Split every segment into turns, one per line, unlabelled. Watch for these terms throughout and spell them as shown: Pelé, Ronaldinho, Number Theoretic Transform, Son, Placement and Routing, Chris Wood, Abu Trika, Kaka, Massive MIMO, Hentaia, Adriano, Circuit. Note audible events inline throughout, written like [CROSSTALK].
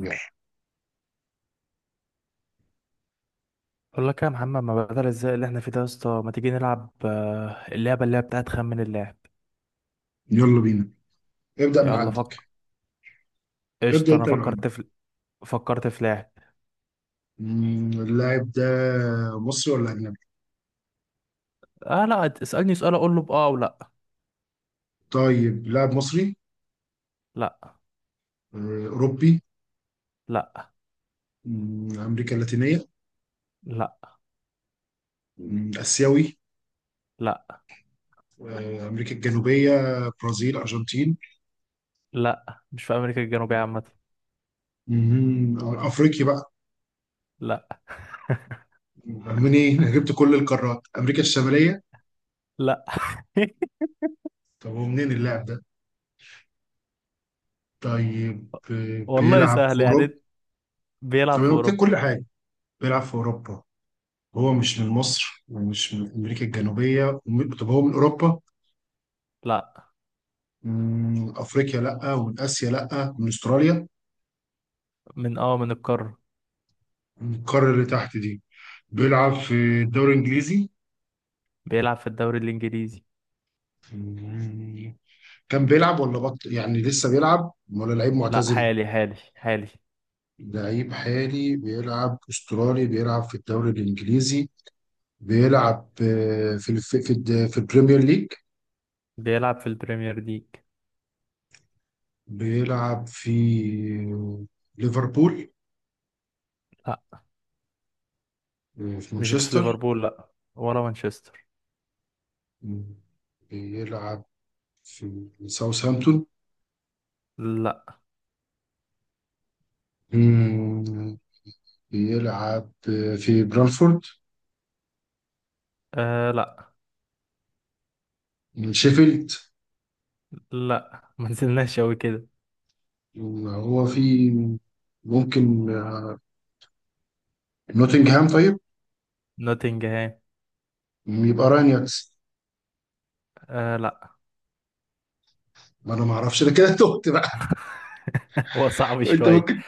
يلا.
بقول لك يا محمد، ما بدل ازاي اللي احنا فيه ده يا اسطى. ما تيجي نلعب اللعبه اللي هي بتاعت خمن اللاعب.
يلا بينا. ابدأ من
يلا
عندك.
فك.
ابدأ
قشطه، انا
انت من عندك.
فكرت في لاعب.
اللاعب ده مصري ولا أجنبي؟
اه لا، اسالني سؤال اقول له باه او لا.
طيب لاعب مصري.
لا.
أوروبي.
لا.
أمريكا اللاتينية.
لا.
آسيوي.
لا.
أمريكا الجنوبية برازيل أرجنتين.
لا، مش في امريكا الجنوبيه عامه.
أفريقي بقى.
لا.
منين؟ أنا جبت كل القارات أمريكا الشمالية.
لا. [LAUGHS]
طب هو منين اللاعب ده؟ طيب
والله
بيلعب في
سهل
أوروبا.
يعني،
طب
بيلعب في
أنا قلت لك
اوروبا.
كل حاجة. بيلعب في أوروبا. هو مش من مصر ومش من أمريكا الجنوبية طب هو من أوروبا.
لا.
من أفريقيا لأ ومن آسيا لأ من أستراليا.
من من القاره.
من القارة اللي تحت دي. بيلعب في الدوري الإنجليزي.
بيلعب في الدوري الانجليزي.
مم. كان بيلعب ولا بطل يعني لسه بيلعب ولا لعيب
لا،
معتزل.
حالي حالي حالي.
لعيب حالي بيلعب أسترالي بيلعب في الدوري الإنجليزي. بيلعب في البريمير ليج.
بيلعب في البريمير ليج.
بيلعب في ليفربول.
لا،
في
مش في
مانشستر.
ليفربول. لا، ولا مانشستر.
مم. بيلعب في ساوثهامبتون.
لا.
مم. بيلعب في برانفورد.
لا.
شيفيلد.
لا، ما نزلناش قوي كده.
هو في ممكن نوتنغهام طيب.
نوتنجهام.
يبقى رانياكس.
لا.
ما انا ما اعرفش انا كده تهت بقى.
[LAUGHS] هو صعب
[LAUGHS] انت
شوية.
ممكن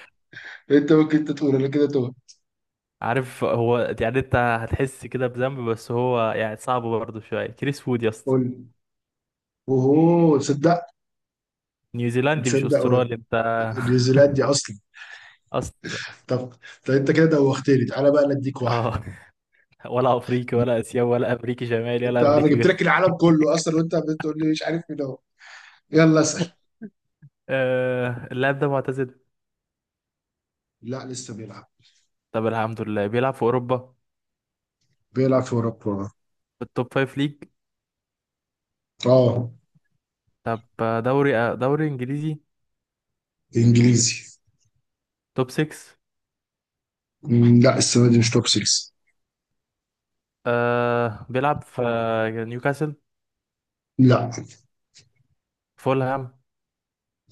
أنت تقول انا كده تهت.
عارف، هو يعني انت هتحس كده بذنب، بس هو يعني صعب برضه شوية. كريس وود يا اسطى.
قول لي. اوه تصدق.
نيوزيلندي مش
تصدق هو
استرالي انت.
نيوزيلاند
[LAUGHS]
دي اصلا.
اصلا.
طب. انت كده دوختني تعالى بقى نديك واحد.
اه، ولا افريقي ولا اسيوي ولا امريكي شمالي
انت
ولا
انا
امريكي
جبت لك
جنوبي.
العالم كله اصلا وانت بتقول لي مش عارف مين هو. يلا اسال.
اللاعب ده معتزل؟
لا لسه بيلعب.
طب الحمد لله، بيلعب في اوروبا.
بيلعب في اوروبا.
في التوب 5 ليج.
اه.
طب، دوري انجليزي.
انجليزي.
توب 6.
لا السنه دي مش توب 6.
بيلعب في نيوكاسل؟
لا
فولهام؟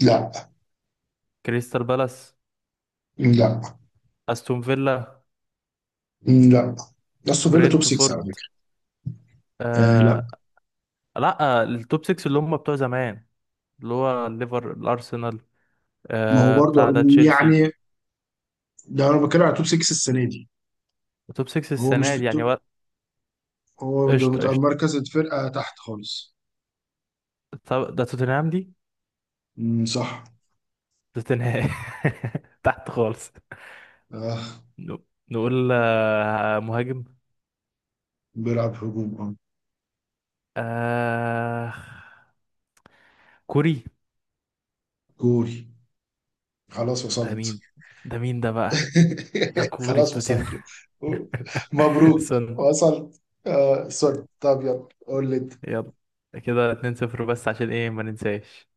لا
كريستال بالاس؟
لا
استون فيلا؟
لا. استون فيلا توب 6 على
برينتفورد؟
فكره. آه لا.
آه لا. آه، التوب 6 اللي هم بتوع زمان، اللي هو الليفر، الارسنال،
ما هو برضه
بتاع ده تشيلسي.
يعني ده انا بتكلم على توب 6 السنه دي.
التوب 6
هو مش
السنه
في
دي يعني
التوب. هو ده
قشطه
بتاع
قشطه.
مركز الفرقه تحت خالص.
طب ده توتنهام دي؟
صح.
توتنهام. [LAUGHS] تحت خالص.
آه
ن- نقول مهاجم.
بيلعب هجوم اه.
آه كوري.
جول. خلاص
ده
وصلت.
مين؟ ده مين ده بقى؟ ده
[LAUGHS]
كوري في
خلاص
توتنهام.
وصلت.
[LAUGHS]
مبروك.
سون.
وصلت. آه سوري طب يلا قول لي.
يلا. كده 2-0 بس، عشان ايه، ما ننساش.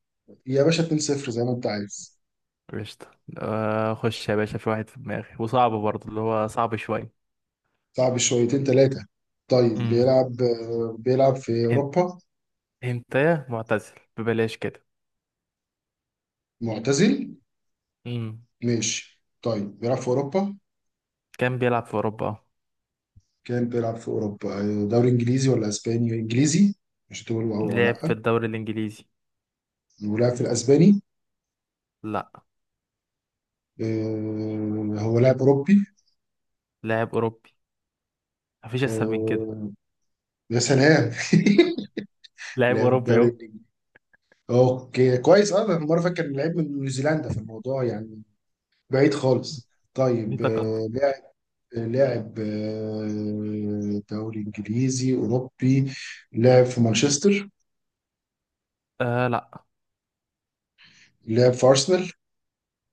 يا باشا 2-0 زي ما انت عايز.
قشطة. خش يا باشا، في واحد في دماغي وصعب برضه، اللي هو صعب شوية.
صعب شويتين ثلاثة. طيب
امم.
بيلعب في
هن-
أوروبا.
هنتايا معتزل ببلاش كده.
معتزل.
امم.
ماشي طيب بيلعب في أوروبا.
كان بيلعب في أوروبا.
كان بيلعب في أوروبا دوري إنجليزي ولا أسباني إنجليزي. مش تقول أو أو
لعب في
لأ.
الدوري الإنجليزي.
ولعب في الأسباني.
لا.
هو لاعب أوروبي.
لاعب أوروبي. مفيش أسهل من كده.
آه، يا سلام. [LAUGHS]
لاعب
لعب
أوروبي
الدوري
أهو.
الإنجليزي. أوكي كويس أه. أنا مرة فاكر إن لعيب من نيوزيلندا في الموضوع يعني. بعيد خالص.
في
طيب
تقدم.
لعب دوري انجليزي اوروبي. لعب في مانشستر.
لا.
لعب في ارسنال.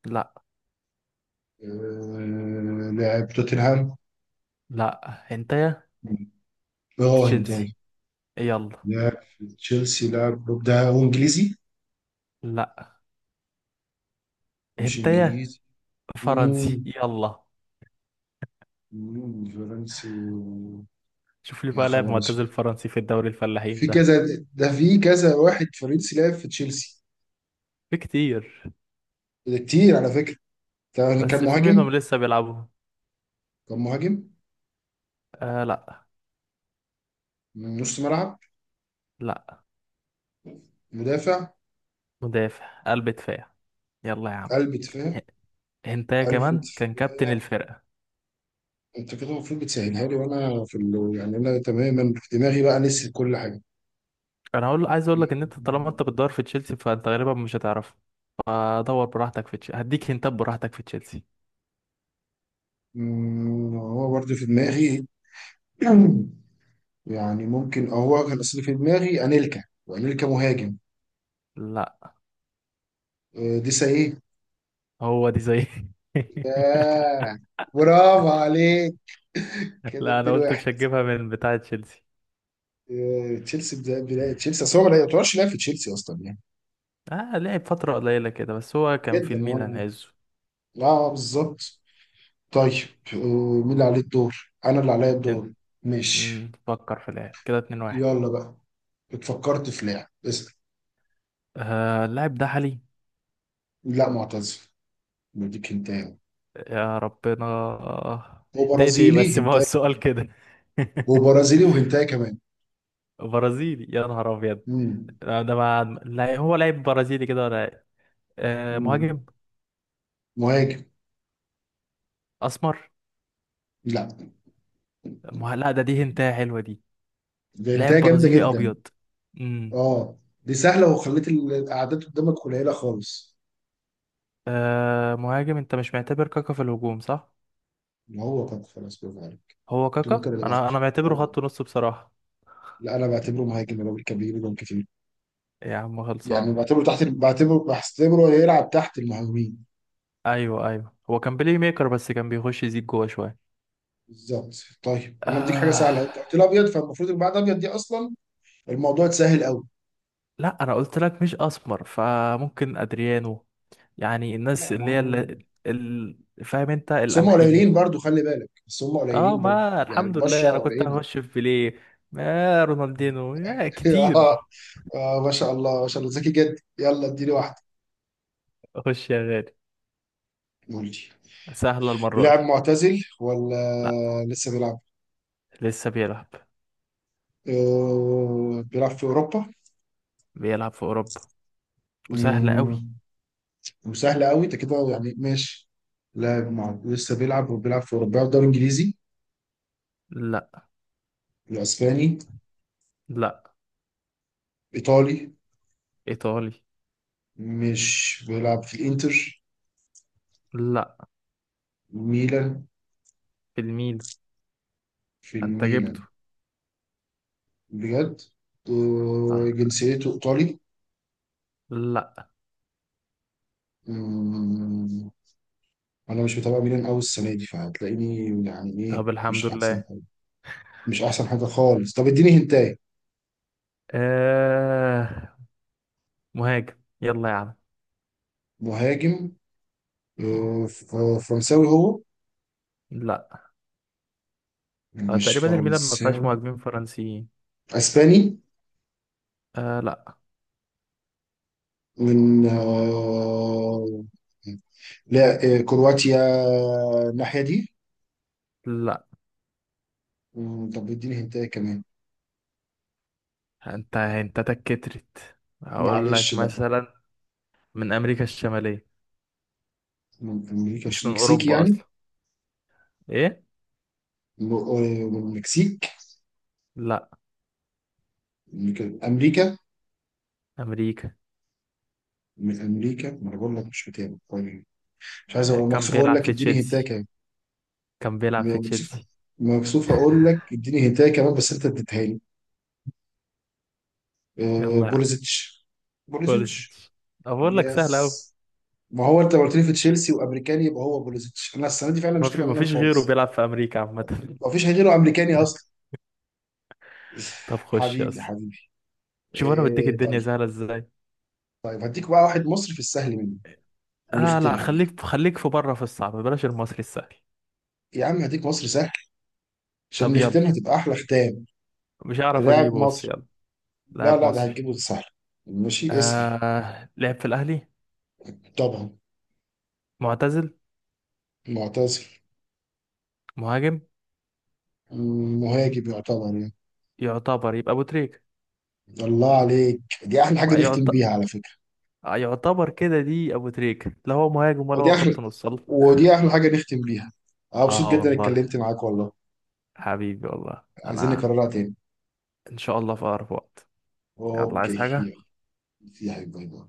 لا.
لعب توتنهام.
لا. هنتايا.
براهن
تشيلسي.
تاني.
يلا.
لعب في تشيلسي لعب بروك. ده هو انجليزي.
لا.
مش
هنتايا.
انجليزي.
فرنسي،
مم،
يلا.
مم، فرنسي.
شوف لي
يا
بقى لاعب
خبر
معتزل
اسود.
فرنسي في الدوري الفلاحين
في
ده.
كذا. ده في كذا واحد فرنسي لعب في تشيلسي.
في كتير.
ده كتير على فكرة. ده كان
بس في
مهاجم.
منهم لسه بيلعبوا.
كان مهاجم.
لا.
نص ملعب.
لا.
مدافع.
مدافع، قلب دفاع، يلا يا عم.
قلب دفاع.
هنتايا
عارف انت.
كمان، كان كابتن الفرقة.
انت كده المفروض بتسهلها لي وانا في ال... يعني انا تماما في دماغي بقى نسيت كل حاجه.
انا هقول، عايز اقول لك ان انت طالما انت بتدور في تشيلسي فانت غالبا مش هتعرفه، فدور براحتك في تشيلسي، هديك هنتات براحتك في تشيلسي.
هو برضه في دماغي. [CLEARS THROAT] يعني ممكن أه هو كان اصلي في دماغي انيلكا وانيلكا مهاجم.
لا.
دي ايه.
هو دي زي.
ياه.
[LAUGHS]
برافو عليك. كده
لا، انا
اديله
قلت
واحد.
مش هتجيبها من بتاع تشيلسي.
بدايه تشيلسي اصل هو ما يعتبرش لاعب في تشيلسي اصلا يعني.
اه، لعب فترة قليلة كده بس هو كان في
جدا
الميلان
اه.
عزه.
لا بالظبط. طيب آه، مين اللي عليه الدور انا اللي عليا
كان-
الدور. ماشي.
مم، فكر في اللاعب كده. 2-1.
يلا بقى. اتفكرت في لاعب اسأل.
آه، اللاعب ده حالي؟
لا معتزل. بديك هنتايه.
يا ربنا، هدايتي ايه
وبرازيلي
بس؟ ما هو
هنتايه
السؤال
كمان.
كده. [LAUGHS]
وبرازيلي وهنتايه كمان
برازيلي؟ يا نهار ابيض.
مم.
لا، ده ما، لا، هو لاعب برازيلي كده ولا إيه؟ آه،
مم.
مهاجم.
مهاجم.
اسمر.
لا
لا، ده دي هنتايه حلوه دي.
ده هنتايه
لاعب
جامدة
برازيلي
جدا.
ابيض؟ امم.
اه دي سهلة وخليت الأعداد قدامك قليلة خالص.
آه، مهاجم. انت مش معتبر كاكا في الهجوم، صح؟
ما هو كان خلاص برافو عليك.
هو
كنت
كاكا
ممكن أبقى
انا
وحش.
معتبره
اه.
خط نص بصراحه.
لا أنا بعتبره مهاجم الراجل كان بيجيب جون كتير.
يا عم
يعني
خلصان.
بعتبره تحت بحتبره يلعب تحت المهاجمين.
ايوه ايوه، هو كان بلاي ميكر بس كان بيخش يزيد جوه شويه.
بالظبط. طيب انا بديك حاجه
آه...
سهله انت قلت لي ابيض فالمفروض اللي بعد ابيض دي اصلا الموضوع اتسهل قوي.
لا، انا قلت لك مش اسمر، فممكن ادريانو يعني. الناس
لا ما
اللي هي
هو.
ال... فاهم انت،
بس هم
القمحي.
قليلين برضو خلي بالك بس هم
اه،
قليلين برضو.
ما
يعني
الحمد
البشرة
لله انا كنت
قليلة.
هخش في بيليه. ما رونالدينو ما
[LAUGHS] اه.
كتير.
ما شاء الله ما شاء الله ذكي جدا يلا اديني واحدة.
اخش يا غالي.
قول لي.
سهله المره
لاعب
دي.
معتزل ولا
لا،
لسه بيلعب؟
لسه بيلعب.
بيلعب في أوروبا.
بيلعب في اوروبا. وسهله قوي.
مم، وسهل قوي انت كده يعني ماشي. لاعب مع... لسه بيلعب وبيلعب في أوروبا بيلعب دوري إنجليزي.
لا.
الأسباني.
لا.
إيطالي.
ايطالي.
مش بيلعب في الإنتر.
لا.
ميلان.
في الميل.
في
انت
الميلان.
جبته.
بجد.
اه.
وجنسيته ايطالي.
لا.
أمم، انا مش متابع ميلان قوي السنه دي فهتلاقيني. يعني ايه
طب الحمد
مش احسن
لله.
حاجه. مش احسن حاجه خالص طب اديني هنتاي.
آه، مهاجم، يلا يا عم.
مهاجم.
مم.
آه، ف- فرنساوي هو.
لا. آه،
مش
تقريبا الميلان ما فيهاش
فرنساوي.
مهاجمين فرنسيين.
اسباني.
لا.
من آه، لا آه، كرواتيا الناحيه دي.
لا.
طب اديني هنتاي كمان.
انت تكترت هقول
معلش
لك
بقى.
مثلا. من امريكا الشماليه.
من امريكا مش
مش من
مكسيكي
اوروبا
يعني.
اصلا. ايه.
م- آه، من المكسيك.
لا.
أمريكا أمريكا.
امريكا.
من أمريكا ما أنا بقول لك مش متابع طيب. مش عايز
آه،
أقول
كان
مكسوف أقول
بيلعب
لك
في
اديني هنتاية
تشيلسي.
كمان.
كان بيلعب في
مكسوف.
تشيلسي.
مكسوف أقول لك اديني هنتاية كمان بس أنت اديتها لي.
يلا يا عم.
بوليزيتش. بوليزيتش
خلصت. بقول لك سهل قوي.
يس. ما هو أنت لو قلت لي في تشيلسي وأمريكاني يبقى هو بوليزيتش أنا السنة دي فعلا مش تبقى
ما
منها
فيش غيره
خالص.
بيلعب في امريكا عامه.
ما فيش غيره أمريكاني أصلا.
[LAUGHS] طب
[LAUGHS]
خش يا
حبيبي
اسطى.
حبيبي.
شوف انا بديك
إيه
الدنيا
طيب.
سهله ازاي.
طيب هديك بقى واحد مصري في السهل منه
اه لا،
ونختمها بيه.
خليك خليك في بره في الصعب، بلاش المصري السهل.
يا عم هديك مصر سهل عشان
طب يلا.
نختمها تبقى احلى ختام.
مش هعرف
لاعب
اجيبه بس
مصري.
يلا.
لا
لاعب
لا ده
مصري.
هتجيبه سهل. ماشي اسأل.
لعب في الاهلي.
طبعا.
معتزل.
معتزل.
مهاجم.
مهاجم يعتبر يعني.
يعتبر. يبقى ابو تريكه.
الله عليك دي احلى حاجة نختم
يعت...
بيها على فكرة.
يعتبر كده. دي ابو تريكة. لا هو مهاجم ولا
ودي
هو
احلى.
خط نص، الله.
حاجة نختم بيها. انا مبسوط
اه
جدا
والله.
اتكلمت معاك والله.
حبيبي والله
عايزين
انا.
نكررها تاني.
ان شاء الله في اقرب وقت. يلا، عايز
اوكي
حاجة؟
يلا. يا حبيبي باي باي.